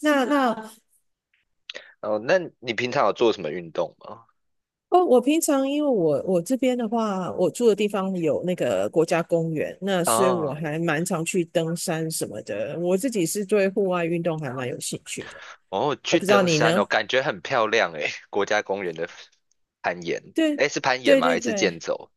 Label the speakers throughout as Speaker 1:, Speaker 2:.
Speaker 1: 那那
Speaker 2: 哦，那你平常有做什么运动吗？
Speaker 1: 哦，我平常因为我这边的话，我住的地方有那个国家公园，那所以我
Speaker 2: 啊，
Speaker 1: 还蛮常去登山什么的。我自己是对户外运动还蛮有兴趣的。
Speaker 2: 哦，
Speaker 1: 我
Speaker 2: 去
Speaker 1: 不知道
Speaker 2: 登
Speaker 1: 你
Speaker 2: 山哦，
Speaker 1: 呢？
Speaker 2: 感觉很漂亮诶，国家公园的攀岩，
Speaker 1: 对
Speaker 2: 诶，是攀岩
Speaker 1: 对
Speaker 2: 吗？
Speaker 1: 对
Speaker 2: 还是健
Speaker 1: 对。
Speaker 2: 走？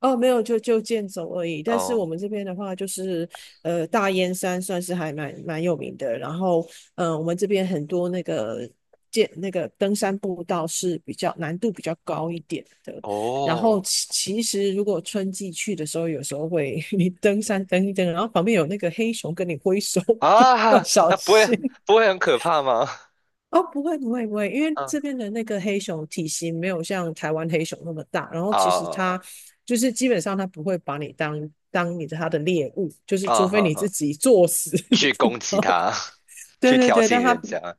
Speaker 1: 哦，没有，就健走而已。但是我
Speaker 2: 哦，
Speaker 1: 们这边的话，就是大燕山算是还蛮有名的。然后，我们这边很多那个登山步道是比较难度比较高一点的。然后
Speaker 2: 哦，
Speaker 1: 其实如果春季去的时候，有时候会 你登
Speaker 2: 嗯，
Speaker 1: 山登一登，然后旁边有那个黑熊跟你挥手。
Speaker 2: 啊，
Speaker 1: 要
Speaker 2: 啊，
Speaker 1: 小
Speaker 2: 不会，
Speaker 1: 心。
Speaker 2: 不会很可怕吗？
Speaker 1: 哦，不会不会不会，因为
Speaker 2: 嗯，
Speaker 1: 这边的那个黑熊体型没有像台湾黑熊那么大，然后其实
Speaker 2: 啊
Speaker 1: 它就是基本上它不会把你当它的猎物，就是
Speaker 2: 啊，
Speaker 1: 除非
Speaker 2: 哈
Speaker 1: 你自
Speaker 2: 哈，
Speaker 1: 己作死。
Speaker 2: 去攻 击
Speaker 1: 然后
Speaker 2: 他，
Speaker 1: 对
Speaker 2: 去
Speaker 1: 对
Speaker 2: 挑
Speaker 1: 对，
Speaker 2: 衅
Speaker 1: 但它
Speaker 2: 人家，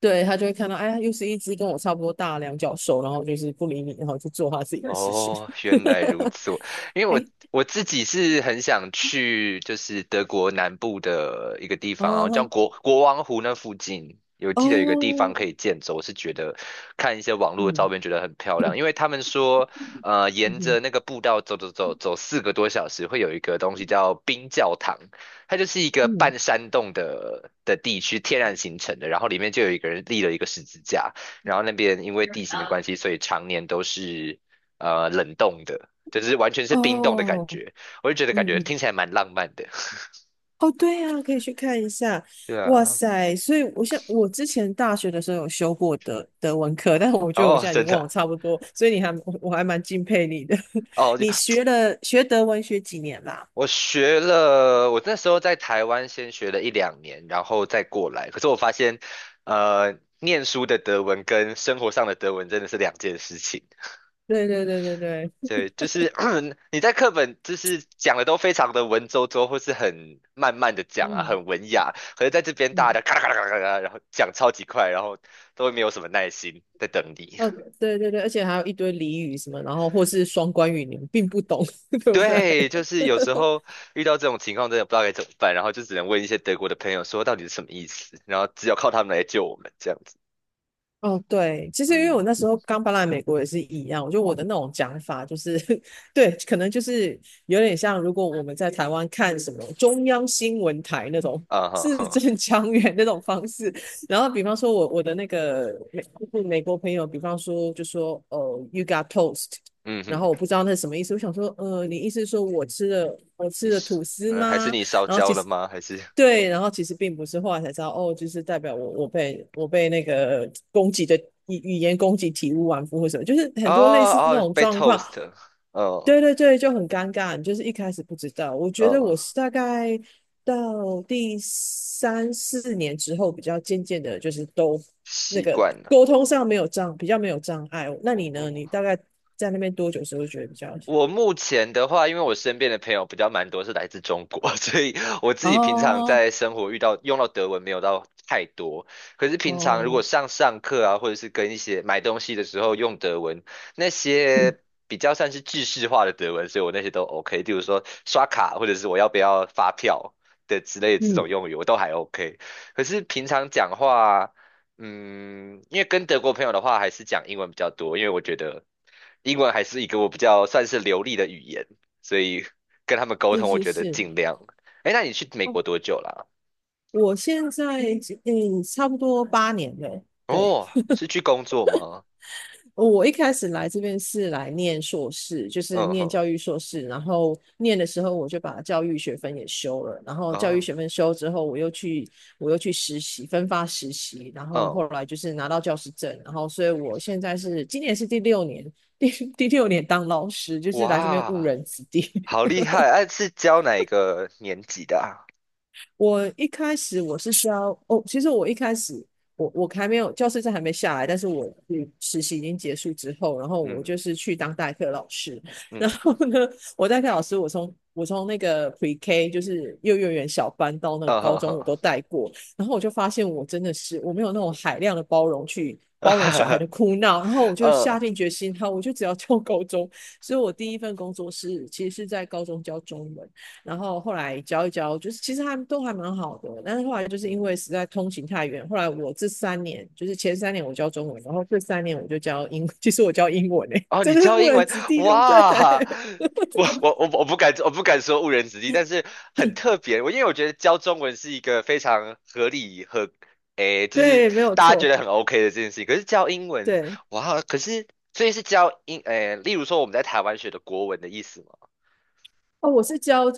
Speaker 1: 对它就会看到，哎，又是一只跟我差不多大的两脚兽，然后就是不理你，然后去做它自己的事情。
Speaker 2: 哦，原来如 此。因为我
Speaker 1: 哎。
Speaker 2: 我自己是很想去，就是德国南部的一个地方，然后叫
Speaker 1: 哦
Speaker 2: 国王湖那附近，有记得有个地方
Speaker 1: 哦。
Speaker 2: 可以健走，我是觉得看一些网络的照
Speaker 1: 嗯
Speaker 2: 片觉得很漂亮。因为他们说，沿
Speaker 1: 嗯
Speaker 2: 着那个步道走走走走4个多小时，会有一个东西叫冰教堂，它就是一个半
Speaker 1: 嗯。
Speaker 2: 山洞的地区，天然形成的，然后里面就有一个人立了一个十字架。然后那边因为地形的关系，所以常年都是冷冻的，就是完全是冰冻的感
Speaker 1: 哦。
Speaker 2: 觉，我就觉得感
Speaker 1: 嗯
Speaker 2: 觉
Speaker 1: 嗯。
Speaker 2: 听起来蛮浪漫的。
Speaker 1: 哦，对啊，可以去看一下。
Speaker 2: 对
Speaker 1: 哇
Speaker 2: 啊，
Speaker 1: 塞，所以我像我之前大学的时候有修过德文课，但是我觉得我
Speaker 2: 哦，
Speaker 1: 现在已
Speaker 2: 真
Speaker 1: 经忘了
Speaker 2: 的，
Speaker 1: 差不多，所以你还我我还蛮敬佩你的。
Speaker 2: 哦，就
Speaker 1: 你学德文学几年啦？
Speaker 2: 我学了，我那时候在台湾先学了一两年，然后再过来。可是我发现，念书的德文跟生活上的德文真的是两件事情。
Speaker 1: 对对对对对。
Speaker 2: 对，就是 你在课本就是讲的都非常的文绉绉，或是很慢慢的讲啊，
Speaker 1: 嗯
Speaker 2: 很文雅。可是在这边大
Speaker 1: 嗯。
Speaker 2: 家咔啦咔啦咔啦咔啦然后讲超级快，然后都没有什么耐心在等你。
Speaker 1: 呃，对对对，而且还有一堆俚语什么，然后或是双关语，你们并不懂，对不对？
Speaker 2: 对，就是有时 候遇到这种情况，真的不知道该怎么办，然后就只能问一些德国的朋友说到底是什么意思，然后只有靠他们来救我们这样子。
Speaker 1: 哦，对，其实因为
Speaker 2: 嗯，
Speaker 1: 我那时候刚搬来美国也是一样，我觉得我的那种讲法就是，对，可能就是有点像，如果我们在台湾看什么中央新闻台那种
Speaker 2: 啊哈
Speaker 1: 字
Speaker 2: 哈，
Speaker 1: 正腔圆那种方式，然后比方说我的那个就是美国朋友，比方说就说you got toast,
Speaker 2: 嗯
Speaker 1: 然
Speaker 2: 哼，
Speaker 1: 后我不知道那是什么意思，我想说你意思是说我吃了我吃
Speaker 2: 你
Speaker 1: 了
Speaker 2: 是
Speaker 1: 吐司
Speaker 2: 嗯还是
Speaker 1: 吗？
Speaker 2: 你烧
Speaker 1: 然后
Speaker 2: 焦
Speaker 1: 其
Speaker 2: 了
Speaker 1: 实。
Speaker 2: 吗？还是
Speaker 1: 对，然后其实并不是，后来才知道，哦，就是代表我被那个攻击的语言攻击体无完肤或什么，就是
Speaker 2: 哦
Speaker 1: 很多类似这
Speaker 2: 哦
Speaker 1: 种
Speaker 2: 被
Speaker 1: 状况。
Speaker 2: toast，哦
Speaker 1: 对对对，就很尴尬，你就是一开始不知道。我觉得我
Speaker 2: 哦
Speaker 1: 是大概到第三四年之后，比较渐渐的，就是都那
Speaker 2: 习
Speaker 1: 个
Speaker 2: 惯了。
Speaker 1: 沟通上没有障，比较没有障碍。那你呢？
Speaker 2: 哦，
Speaker 1: 你大概在那边多久时候觉得比较？
Speaker 2: 我目前的话，因为我身边的朋友比较蛮多是来自中国，所以我自己平常
Speaker 1: 哦
Speaker 2: 在生活遇到用到德文没有到太多。可是平常如
Speaker 1: 哦。
Speaker 2: 果上课啊，或者是跟一些买东西的时候用德文，那些比较算是制式化的德文，所以我那些都 OK。例如说刷卡，或者是我要不要发票的之类的这种
Speaker 1: 嗯。
Speaker 2: 用语，我都还 OK。可是平常讲话。嗯，因为跟德国朋友的话，还是讲英文比较多，因为我觉得英文还是一个我比较算是流利的语言，所以 跟他们沟
Speaker 1: 是
Speaker 2: 通，我
Speaker 1: 是
Speaker 2: 觉得
Speaker 1: 是。
Speaker 2: 尽量。哎，那你去美国多久啦？
Speaker 1: 我现在差不多8年了。对，
Speaker 2: 哦，是去工作吗？
Speaker 1: 我一开始来这边是来念硕士，就是
Speaker 2: 嗯
Speaker 1: 念
Speaker 2: 哼，
Speaker 1: 教育硕士，然后念的时候我就把教育学分也修了，然后教育
Speaker 2: 啊，
Speaker 1: 学分修之后，我又去实习，分发实习，然后
Speaker 2: 嗯，
Speaker 1: 后来就是拿到教师证，然后所以我现在是今年是第六年，第 第六年当老师，就是来这边误
Speaker 2: 哇，
Speaker 1: 人子弟。
Speaker 2: 好厉害！哎、是教哪一个年级的啊？
Speaker 1: 我一开始我是需要哦，其实我一开始我还没有教师证还没下来，但是我实习已经结束之后，然后我
Speaker 2: 嗯
Speaker 1: 就是去当代课老师，然
Speaker 2: 嗯，
Speaker 1: 后呢，我代课老师我从那个 Pre K 就是幼儿园小班到那个
Speaker 2: 嗯
Speaker 1: 高
Speaker 2: 哼
Speaker 1: 中我
Speaker 2: 哼，
Speaker 1: 都带过，然后我就发现我真的是我没有那种海量的包容去。包容小孩的 哭闹，然后我就下
Speaker 2: 嗯
Speaker 1: 定决心，好，我就只要 教高中。所以我第一份工作是其实是在高中教中文。然后后来教一教，就是其实他们都还蛮好的，但是后来就是因
Speaker 2: 嗯。
Speaker 1: 为实在通勤太远，后来我这三年就是前三年我教中文，然后这三年我就其实我教英文诶、欸
Speaker 2: 哦，
Speaker 1: 真
Speaker 2: 你
Speaker 1: 的是
Speaker 2: 教
Speaker 1: 误
Speaker 2: 英
Speaker 1: 人
Speaker 2: 文，
Speaker 1: 子弟，对不对？
Speaker 2: 哇！我不敢说误人子弟，但 是很特别。我因为我觉得教中文是一个非常合理和诶，就是
Speaker 1: 对，没有
Speaker 2: 大家觉
Speaker 1: 错，
Speaker 2: 得很 OK 的这件事情。可是教英文，
Speaker 1: 对
Speaker 2: 哇！可是所以是教英诶，例如说我们在台湾学的国文的意思吗？
Speaker 1: 哦，我是教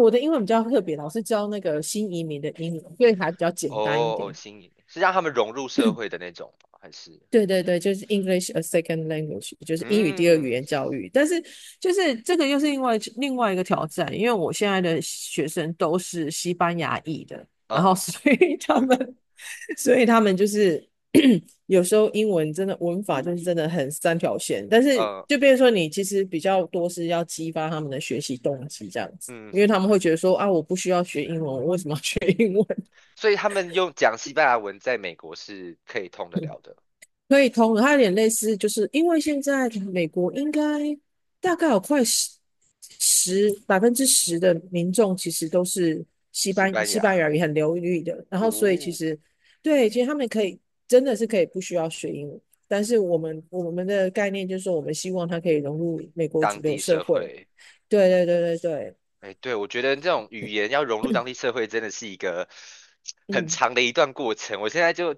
Speaker 1: 我的英文比较特别，老是教那个新移民的英文，所以还比较简单一
Speaker 2: 哦哦，
Speaker 1: 点。
Speaker 2: 新颖是让他们融入社会的那种吗还是
Speaker 1: 对对对，就是 English a second language,就是英语第二语
Speaker 2: 嗯
Speaker 1: 言教育。但是就是这个又是另外一个挑战，因为我现在的学生都是西班牙裔的，然后
Speaker 2: 哦
Speaker 1: 所以 他们就是 有时候英文真的文法就是真的很三条线，但是
Speaker 2: 呃
Speaker 1: 就变成说你其实比较多是要激发他们的学习动机这样子，
Speaker 2: 嗯
Speaker 1: 因为
Speaker 2: 哼，
Speaker 1: 他们会觉得说啊，我不需要学英文，我为什么要学英文？
Speaker 2: 所以他们用讲西班牙文在美国是可以通得了的，
Speaker 1: 可以通的，它有点类似，就是因为现在美国应该大概有快10%的民众其实都是西
Speaker 2: 西
Speaker 1: 班
Speaker 2: 班
Speaker 1: 西班
Speaker 2: 牙。
Speaker 1: 牙语很流利的，然后所以其
Speaker 2: 哦，
Speaker 1: 实对，其实他们可以真的是可以不需要学英语，但是
Speaker 2: 嗯，
Speaker 1: 我们的概念就是说，我们希望它可以融入美国
Speaker 2: 当
Speaker 1: 主流
Speaker 2: 地
Speaker 1: 社
Speaker 2: 社
Speaker 1: 会。
Speaker 2: 会，
Speaker 1: 对
Speaker 2: 嗯，
Speaker 1: 对对对对。
Speaker 2: 哎，对，我觉得这种语言要融入当地社会，真的是一个很
Speaker 1: 嗯
Speaker 2: 长的一段过程。我现在就，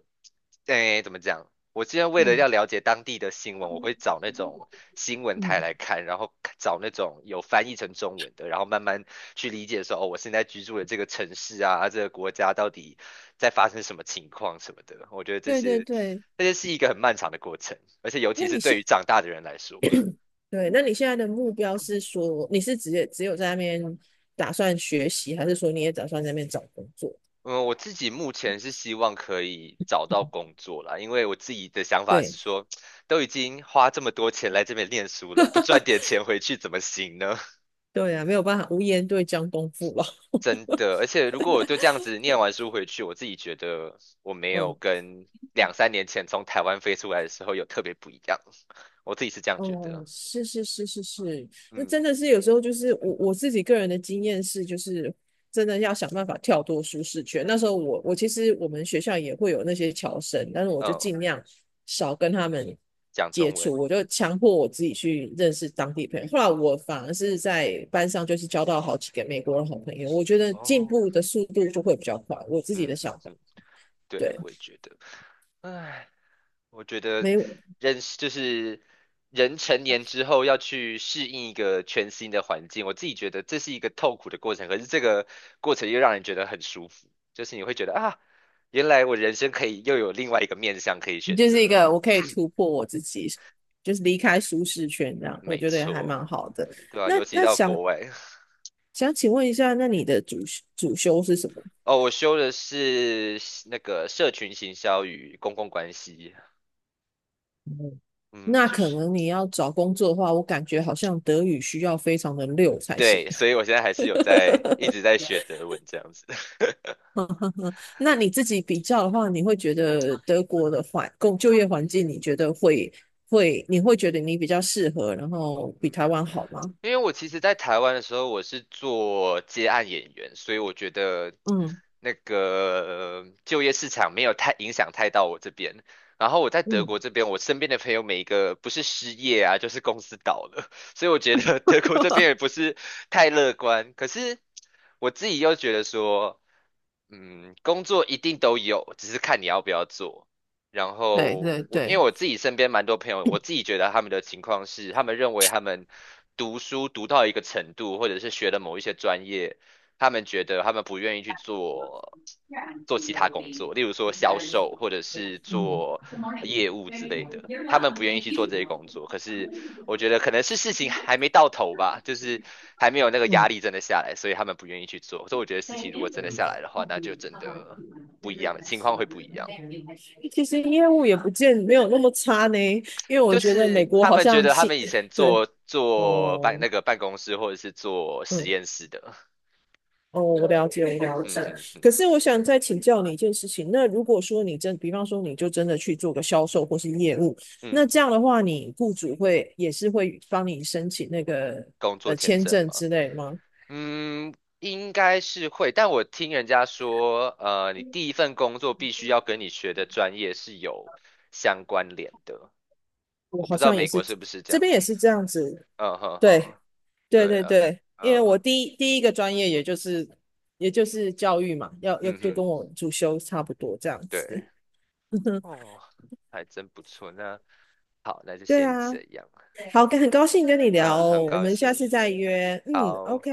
Speaker 2: 哎，怎么讲？我现在为了要
Speaker 1: 嗯
Speaker 2: 了解当地的新闻，我会找那种新闻台
Speaker 1: 嗯。
Speaker 2: 来看，然后看找那种有翻译成中文的，然后慢慢去理解说，哦，我现在居住的这个城市啊，啊这个国家到底在发生什么情况什么的。我觉得这
Speaker 1: 对对
Speaker 2: 些，
Speaker 1: 对。
Speaker 2: 这些是一个很漫长的过程，而且尤其
Speaker 1: 那
Speaker 2: 是
Speaker 1: 你
Speaker 2: 对
Speaker 1: 现
Speaker 2: 于长大的人来说。
Speaker 1: 对，那你现在的目标是说你是只有在那边打算学习，还是说你也打算在那边找工作？
Speaker 2: 嗯，我自己目前是希望可以找到工作啦，因为我自己的想法
Speaker 1: 对。
Speaker 2: 是说，都已经花这么多钱来这边念书了，不赚点钱回去怎么行呢？
Speaker 1: 对啊，没有办法，无言对江东父老。
Speaker 2: 真的，而且如果我就这样子念完书回去，我自己觉得我没 有
Speaker 1: 嗯。
Speaker 2: 跟两三年前从台湾飞出来的时候有特别不一样，我自己是这样觉
Speaker 1: 哦。
Speaker 2: 得。
Speaker 1: 是是是是是。那
Speaker 2: 嗯
Speaker 1: 真的是有时候就是自己个人的经验是，就是真的要想办法跳脱舒适圈。那时候其实我们学校也会有那些侨生，但是我就
Speaker 2: 嗯，
Speaker 1: 尽量少跟他们
Speaker 2: 讲
Speaker 1: 接
Speaker 2: 中文
Speaker 1: 触，我就强迫我自己去认识当地朋友。后来我反而是在班上就是交到好几个美国的好朋友，我觉得进
Speaker 2: 哦，
Speaker 1: 步的速度就会比较快，我自己
Speaker 2: 嗯
Speaker 1: 的想
Speaker 2: 嗯
Speaker 1: 法。
Speaker 2: 嗯，对，
Speaker 1: 对。
Speaker 2: 我也觉得，唉。我觉得
Speaker 1: 没有。
Speaker 2: 人就是人成年之后要去适应一个全新的环境，我自己觉得这是一个痛苦的过程，可是这个过程又让人觉得很舒服，就是你会觉得啊，原来我人生可以又有另外一个面向可以选
Speaker 1: 就是一
Speaker 2: 择，
Speaker 1: 个我可以突 破我自己，就是离开舒适圈这样，我
Speaker 2: 没
Speaker 1: 觉得还
Speaker 2: 错，
Speaker 1: 蛮好的。
Speaker 2: 对吧，
Speaker 1: 那
Speaker 2: 尤其
Speaker 1: 那
Speaker 2: 到
Speaker 1: 想
Speaker 2: 国外，
Speaker 1: 想请问一下，那你的主修是什么？
Speaker 2: 哦，我修的是那个社群行销与公共关系，
Speaker 1: 嗯
Speaker 2: 嗯，
Speaker 1: 那
Speaker 2: 就
Speaker 1: 可
Speaker 2: 是
Speaker 1: 能你要找工作的话，我感觉好像德语需要非常的溜才行。
Speaker 2: 对，所以我现在还是有在一直 在学德文这样子，
Speaker 1: 那你自己比较的话，你会觉得德国的环工就业环境，你觉得会会你会觉得你比较适合，然后比
Speaker 2: 嗯。
Speaker 1: 台湾好吗？
Speaker 2: 因为我其实，在台湾的时候，我是做接案演员，所以我觉得
Speaker 1: 嗯
Speaker 2: 那个就业市场没有太影响太到我这边。然后我在德
Speaker 1: 嗯。
Speaker 2: 国这边，我身边的朋友每一个不是失业啊，就是公司倒了，所以我觉得德国这边也不 是太乐观。可是我自己又觉得说，嗯，工作一定都有，只是看你要不要做。然
Speaker 1: 对
Speaker 2: 后
Speaker 1: 对
Speaker 2: 我因为
Speaker 1: 对。
Speaker 2: 我自己身边蛮多朋友，我自己觉得他们的情况是，他们认为他们读书读到一个程度，或者是学了某一些专业，他们觉得他们不愿意去做其他工作，例如说销售或者是
Speaker 1: 嗯
Speaker 2: 做业务之类的，他们不愿意去做这些工作。可是我觉得可能是事情还没到头吧，就是还没有那个
Speaker 1: 嗯。
Speaker 2: 压力真的下来，所以他们不愿意去做。所以我觉得事情如果真的下来的话，那就真的不一样了，情况会不一样。
Speaker 1: 其实业务也不见没有那么差呢，因为我
Speaker 2: 就
Speaker 1: 觉得美
Speaker 2: 是
Speaker 1: 国
Speaker 2: 他
Speaker 1: 好
Speaker 2: 们觉
Speaker 1: 像
Speaker 2: 得他
Speaker 1: 是。
Speaker 2: 们以前
Speaker 1: 对
Speaker 2: 做
Speaker 1: 哦。
Speaker 2: 那个办公室或者是做实
Speaker 1: 嗯
Speaker 2: 验室的，
Speaker 1: 哦。我了解，我了解。
Speaker 2: 嗯哼哼，
Speaker 1: 可是我想再请教你一件事情，那如果说比方说你就真的去做个销售或是业务，
Speaker 2: 嗯，
Speaker 1: 那这样的话，你雇主会也是会帮你申请那个
Speaker 2: 工作签
Speaker 1: 签
Speaker 2: 证
Speaker 1: 证
Speaker 2: 吗？
Speaker 1: 之类吗？
Speaker 2: 嗯，应该是会，但我听人家说，你第一份工作必须要跟你学的专业是有相关联的，
Speaker 1: 我
Speaker 2: 我
Speaker 1: 好
Speaker 2: 不知道
Speaker 1: 像也
Speaker 2: 美
Speaker 1: 是
Speaker 2: 国是不是这
Speaker 1: 这
Speaker 2: 样
Speaker 1: 边也
Speaker 2: 子。
Speaker 1: 是这样子，
Speaker 2: 嗯哼
Speaker 1: 对。
Speaker 2: 哼，
Speaker 1: 对
Speaker 2: 对
Speaker 1: 对
Speaker 2: 啊，
Speaker 1: 对，因为我
Speaker 2: 嗯
Speaker 1: 第一个专业也就是教育嘛，要
Speaker 2: 嗯
Speaker 1: 就
Speaker 2: 哼，
Speaker 1: 跟我主修差不多这样
Speaker 2: 对，
Speaker 1: 子。
Speaker 2: 哦，还真不错。那好，那就
Speaker 1: 对
Speaker 2: 先
Speaker 1: 啊。
Speaker 2: 这样。
Speaker 1: 好，很高兴跟你聊
Speaker 2: 嗯，很
Speaker 1: 哦，我
Speaker 2: 高
Speaker 1: 们下次
Speaker 2: 兴。
Speaker 1: 再约。嗯
Speaker 2: 好。
Speaker 1: ，OK。